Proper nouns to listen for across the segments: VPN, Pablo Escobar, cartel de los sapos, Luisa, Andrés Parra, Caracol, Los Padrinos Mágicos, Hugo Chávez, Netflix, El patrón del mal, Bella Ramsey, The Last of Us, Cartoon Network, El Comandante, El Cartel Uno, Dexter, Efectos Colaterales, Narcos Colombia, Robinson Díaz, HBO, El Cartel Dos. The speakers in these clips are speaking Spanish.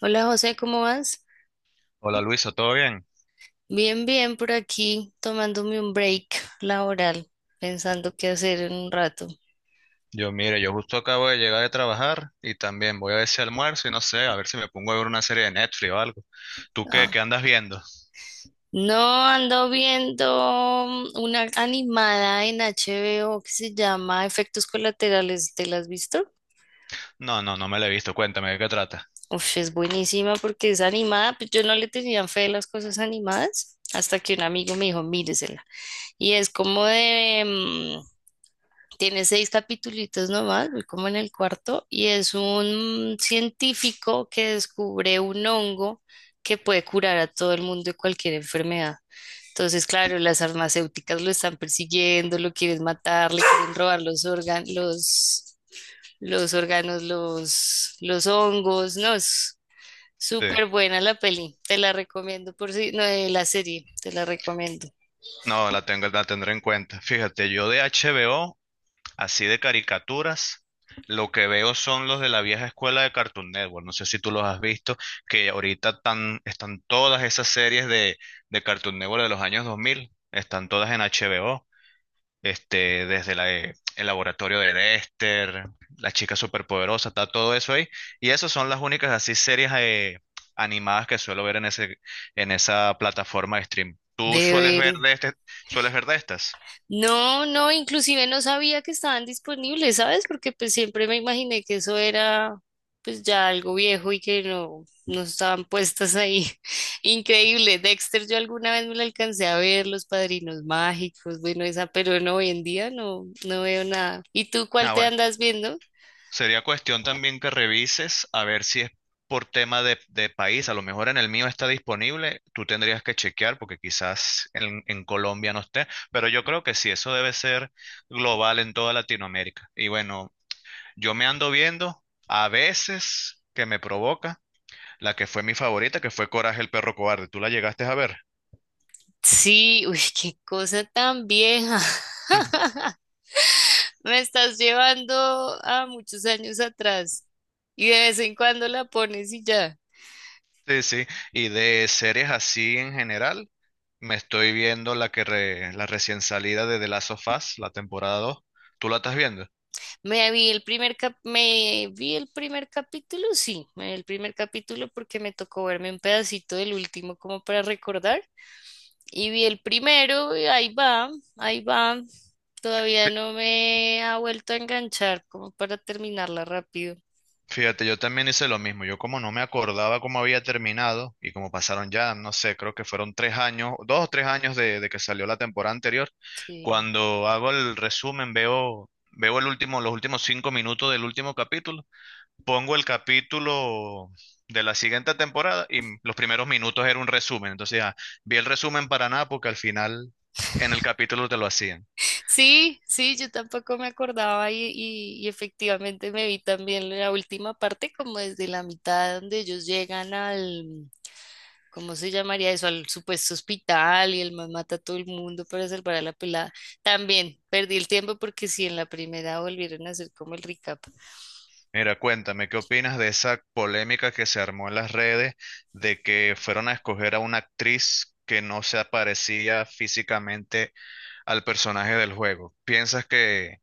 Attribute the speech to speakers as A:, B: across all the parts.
A: Hola José, ¿cómo vas?
B: Hola Luisa, ¿todo bien?
A: Bien, bien, por aquí tomándome un break laboral, pensando qué hacer en un rato.
B: Yo justo acabo de llegar de trabajar y también voy a ver si almuerzo y no sé, a ver si me pongo a ver una serie de Netflix o algo. ¿Tú qué,
A: Ah,
B: qué andas viendo?
A: no, ando viendo, una animada en HBO que se llama Efectos Colaterales, ¿te la has visto?
B: No, no, no me la he visto, cuéntame de qué trata.
A: Uf, es buenísima porque es animada, pues yo no le tenía fe a las cosas animadas hasta que un amigo me dijo, míresela. Y es como de, tiene seis capítulos nomás, voy como en el cuarto, y es un científico que descubre un hongo que puede curar a todo el mundo de cualquier enfermedad. Entonces, claro, las farmacéuticas lo están persiguiendo, lo quieren matar, le quieren robar los órganos, los órganos, los hongos, no, es
B: Sí,
A: súper buena la peli, te la recomiendo por si, no, la serie, te la recomiendo.
B: no, la tengo, la tendré en cuenta. Fíjate, yo de HBO, así de caricaturas, lo que veo son los de la vieja escuela de Cartoon Network. No sé si tú los has visto, que ahorita están todas esas series de Cartoon Network de los años 2000, están todas en HBO. Este, desde la, el laboratorio de Dexter, la chica superpoderosa, está todo eso ahí. Y esas son las únicas así series animadas que suelo ver en ese, en esa plataforma de stream. ¿Tú
A: De
B: sueles ver
A: ver,
B: de sueles ver de estas?
A: no, no, inclusive no sabía que estaban disponibles, ¿sabes? Porque pues siempre me imaginé que eso era pues ya algo viejo y que no, no estaban puestas ahí. Increíble, Dexter, yo alguna vez me lo alcancé a ver, Los Padrinos Mágicos, bueno, esa, pero no, hoy en día no, no veo nada. ¿Y tú cuál
B: Ah,
A: te
B: bueno.
A: andas viendo?
B: Sería cuestión también que revises a ver si es por tema de país. A lo mejor en el mío está disponible. Tú tendrías que chequear porque quizás en Colombia no esté. Pero yo creo que sí, eso debe ser global en toda Latinoamérica. Y bueno, yo me ando viendo a veces que me provoca la que fue mi favorita, que fue Coraje el perro cobarde. ¿Tú la llegaste a ver?
A: Sí, uy, qué cosa tan vieja. Me estás llevando a muchos años atrás y de vez en cuando la pones y ya.
B: Sí, sí. Y de series así en general, me estoy viendo la que la recién salida de The Last of Us, la temporada 2. ¿Tú la estás viendo?
A: Me vi el primer capítulo, sí, me vi el primer capítulo porque me tocó verme un pedacito del último como para recordar. Y vi el primero y ahí va. Todavía no me ha vuelto a enganchar como para terminarla rápido.
B: Fíjate, yo también hice lo mismo. Yo como no me acordaba cómo había terminado y como pasaron ya, no sé, creo que fueron tres años, dos o tres años de que salió la temporada anterior.
A: Sí.
B: Cuando hago el resumen, veo el último, los últimos cinco minutos del último capítulo, pongo el capítulo de la siguiente temporada y los primeros minutos era un resumen. Entonces, vi el resumen para nada porque al final en el capítulo te lo hacían.
A: Sí, sí, yo tampoco me acordaba y efectivamente me vi también la última parte como desde la mitad donde ellos llegan al... ¿Cómo se llamaría eso? Al supuesto hospital y el man mata a todo el mundo para salvar a la pelada. También perdí el tiempo porque si en la primera volvieron a hacer como el recap.
B: Mira, cuéntame, ¿qué opinas de esa polémica que se armó en las redes de que fueron a escoger a una actriz que no se parecía físicamente al personaje del juego? ¿Piensas que,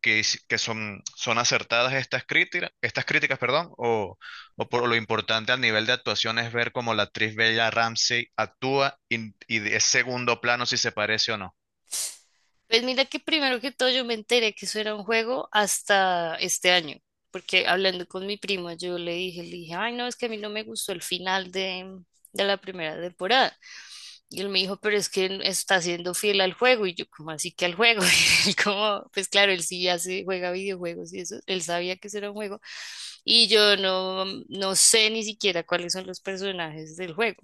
B: que, hici- que son, son acertadas estas críticas, perdón, o por lo importante al nivel de actuación es ver cómo la actriz Bella Ramsey actúa y de es segundo plano si se parece o no?
A: Pues mira que primero que todo yo me enteré que eso era un juego hasta este año, porque hablando con mi primo yo le dije, ay no, es que a mí no me gustó el final de la primera temporada. Y él me dijo, pero es que está siendo fiel al juego. Y yo, ¿como así que al juego? Y él como, pues claro, él sí hace, juega videojuegos y eso, él sabía que eso era un juego. Y yo no, no sé ni siquiera cuáles son los personajes del juego,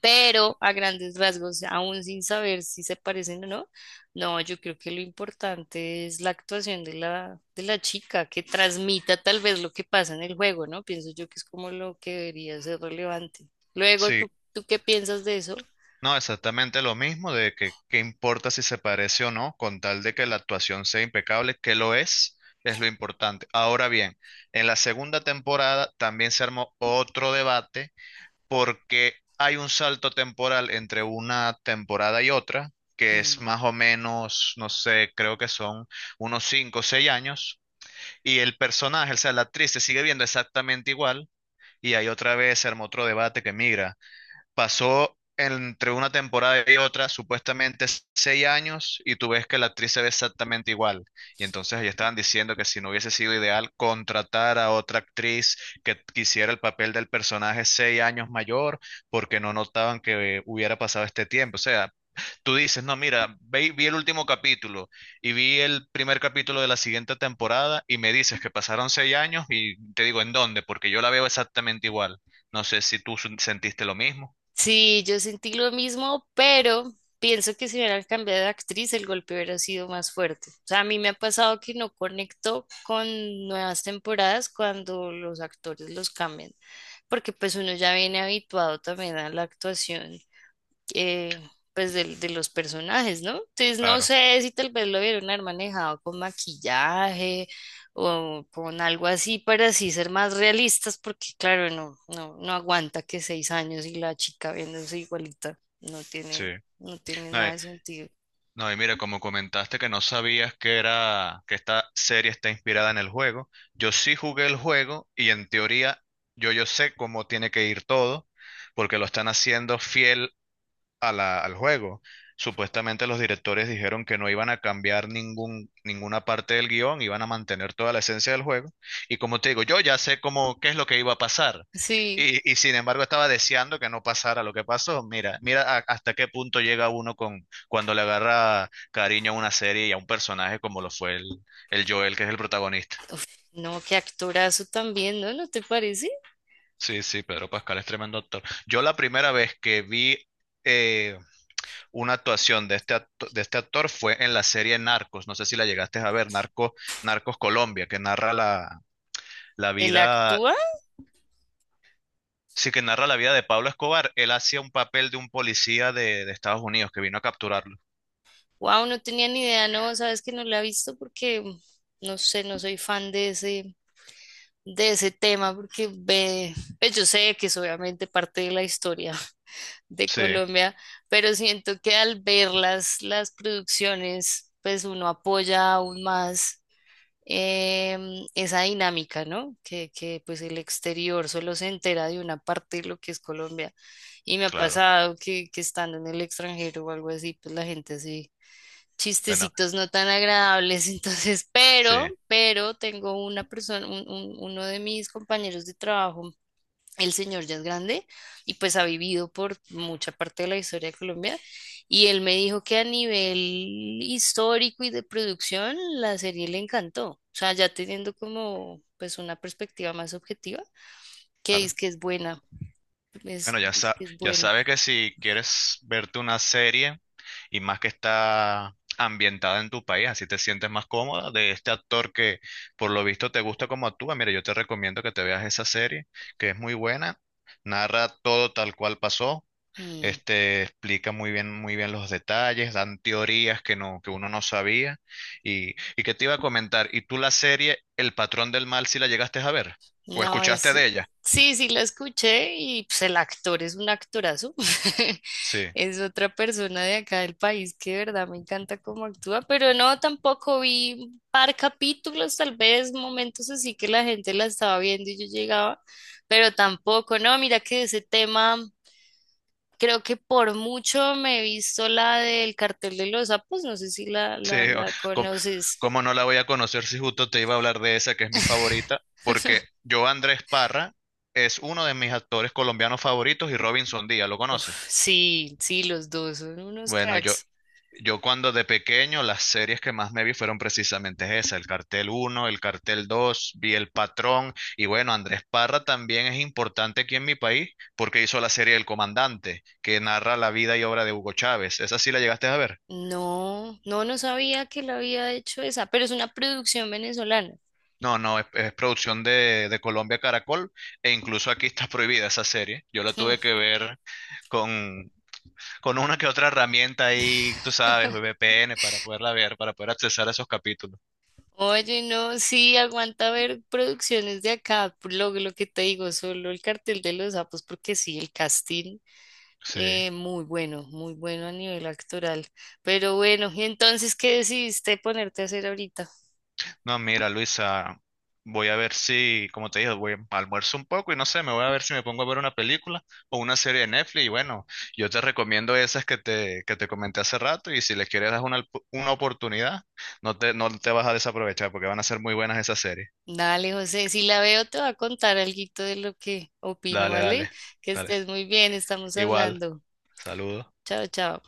A: pero a grandes rasgos, aún sin saber si se parecen o no, no, yo creo que lo importante es la actuación de la chica, que transmita tal vez lo que pasa en el juego, ¿no? Pienso yo que es como lo que debería ser relevante. Luego,
B: Sí.
A: ¿tú qué piensas de eso?
B: No, exactamente lo mismo, de que qué importa si se parece o no, con tal de que la actuación sea impecable, que lo es lo importante. Ahora bien, en la segunda temporada también se armó otro debate porque hay un salto temporal entre una temporada y otra, que es
A: Mm.
B: más o menos, no sé, creo que son unos 5 o 6 años, y el personaje, o sea, la actriz se sigue viendo exactamente igual, y ahí otra vez se armó otro debate que migra. Pasó entre una temporada y otra supuestamente seis años y tú ves que la actriz se ve exactamente igual. Y entonces ellos estaban diciendo que si no hubiese sido ideal contratar a otra actriz que quisiera el papel del personaje seis años mayor porque no notaban que hubiera pasado este tiempo. O sea, tú dices, no, mira, vi el último capítulo y vi el primer capítulo de la siguiente temporada y me dices que pasaron seis años y te digo, ¿en dónde? Porque yo la veo exactamente igual. No sé si tú sentiste lo mismo.
A: Sí, yo sentí lo mismo, pero pienso que si hubieran cambiado de actriz, el golpe hubiera sido más fuerte. O sea, a mí me ha pasado que no conecto con nuevas temporadas cuando los actores los cambian. Porque pues uno ya viene habituado también a la actuación, eh, pues los personajes, ¿no? Entonces no
B: Claro,
A: sé si tal vez lo vieron haber manejado con maquillaje o con algo así para así ser más realistas, porque claro, no, no, no aguanta que seis años y la chica viéndose igualita, no tiene,
B: sí.
A: no tiene
B: No,
A: nada
B: y,
A: de sentido.
B: no, y mira, como comentaste que no sabías que era, que esta serie está inspirada en el juego, yo sí jugué el juego y en teoría yo sé cómo tiene que ir todo, porque lo están haciendo fiel a al juego. Supuestamente los directores dijeron que no iban a cambiar ninguna parte del guión, iban a mantener toda la esencia del juego. Y como te digo, yo ya sé cómo, qué es lo que iba a pasar.
A: Sí,
B: Y sin embargo estaba deseando que no pasara lo que pasó. Mira, hasta qué punto llega uno con cuando le agarra cariño a una serie y a un personaje como lo fue el Joel, que es el protagonista.
A: no, qué actorazo también, ¿no? ¿No te parece?
B: Sí, sí, Pedro Pascal es tremendo actor. Yo la primera vez que vi una actuación de este actor fue en la serie Narcos. No sé si la llegaste a ver, Narcos Colombia, que narra la
A: Él
B: vida,
A: actúa...
B: sí, que narra la vida de Pablo Escobar. Él hacía un papel de un policía de Estados Unidos que vino a capturarlo.
A: Wow, no tenía ni idea, no, sabes que no la he visto porque no sé, no soy fan de ese tema, porque ve, pues yo sé que es obviamente parte de la historia de
B: Sí,
A: Colombia, pero siento que al ver las producciones, pues uno apoya aún más, esa dinámica, ¿no? Que pues el exterior solo se entera de una parte de lo que es Colombia. Y me ha
B: claro.
A: pasado que estando en el extranjero o algo así, pues la gente sí
B: Bueno,
A: chistecitos no tan agradables, entonces,
B: sí.
A: pero tengo una persona, uno de mis compañeros de trabajo, el señor ya es grande y pues ha vivido por mucha parte de la historia de Colombia y él me dijo que a nivel histórico y de producción la serie le encantó, o sea, ya teniendo como pues una perspectiva más objetiva, que
B: Claro.
A: dice que es buena,
B: Bueno, ya
A: es que es buena.
B: sabes que si quieres verte una serie y más que está ambientada en tu país, así te sientes más cómoda de este actor que por lo visto te gusta como actúa, mira, yo te recomiendo que te veas esa serie, que es muy buena, narra todo tal cual pasó,
A: Mm.
B: este explica muy bien los detalles, dan teorías que que uno no sabía y que te iba a comentar, ¿y tú la serie El patrón del mal si la llegaste a ver o
A: No,
B: escuchaste
A: es,
B: de ella?
A: sí, sí lo escuché y pues el actor es un actorazo.
B: Sí.
A: Es otra persona de acá del país que de verdad me encanta cómo actúa, pero no, tampoco vi un par capítulos, tal vez momentos así que la gente la estaba viendo y yo llegaba, pero tampoco, no, mira que ese tema, creo que por mucho me he visto la del cartel de los sapos, no sé si
B: Sí, o-
A: la
B: ¿cómo,
A: conoces.
B: cómo no la voy a conocer si justo te iba a hablar de esa que es mi favorita? Porque yo, Andrés Parra, es uno de mis actores colombianos favoritos y Robinson Díaz, ¿lo conoces?
A: Uf, sí, sí, los dos son unos
B: Bueno,
A: cracks.
B: yo cuando de pequeño las series que más me vi fueron precisamente esa, el Cartel Uno el Cartel Dos vi El Patrón y bueno, Andrés Parra también es importante aquí en mi país porque hizo la serie El Comandante, que narra la vida y obra de Hugo Chávez. ¿Esa sí la llegaste a ver?
A: No, no, no sabía que la había hecho esa, pero es una producción venezolana.
B: No, no, es producción de Colombia Caracol e incluso aquí está prohibida esa serie. Yo la tuve que ver con, con una que otra herramienta ahí, tú sabes,
A: Hmm.
B: VPN para poderla ver, para poder accesar a esos capítulos.
A: Oye, no, sí, aguanta ver producciones de acá, por lo que te digo, solo el cartel de los sapos, porque sí, el casting,
B: Sí.
A: muy bueno, muy bueno a nivel actoral. Pero bueno, ¿y entonces qué decidiste ponerte a hacer ahorita?
B: No, mira, Luisa, voy a ver si, como te dije, voy a almuerzo un poco y no sé, me voy a ver si me pongo a ver una película o una serie de Netflix. Y bueno, yo te recomiendo esas que que te comenté hace rato y si les quieres dar una oportunidad, no te vas a desaprovechar porque van a ser muy buenas esas series.
A: Dale, José, si la veo te va a contar alguito de lo que opino,
B: Dale,
A: ¿vale?
B: dale,
A: Que
B: dale.
A: estés muy bien, estamos
B: Igual,
A: hablando.
B: saludos.
A: Chao, chao.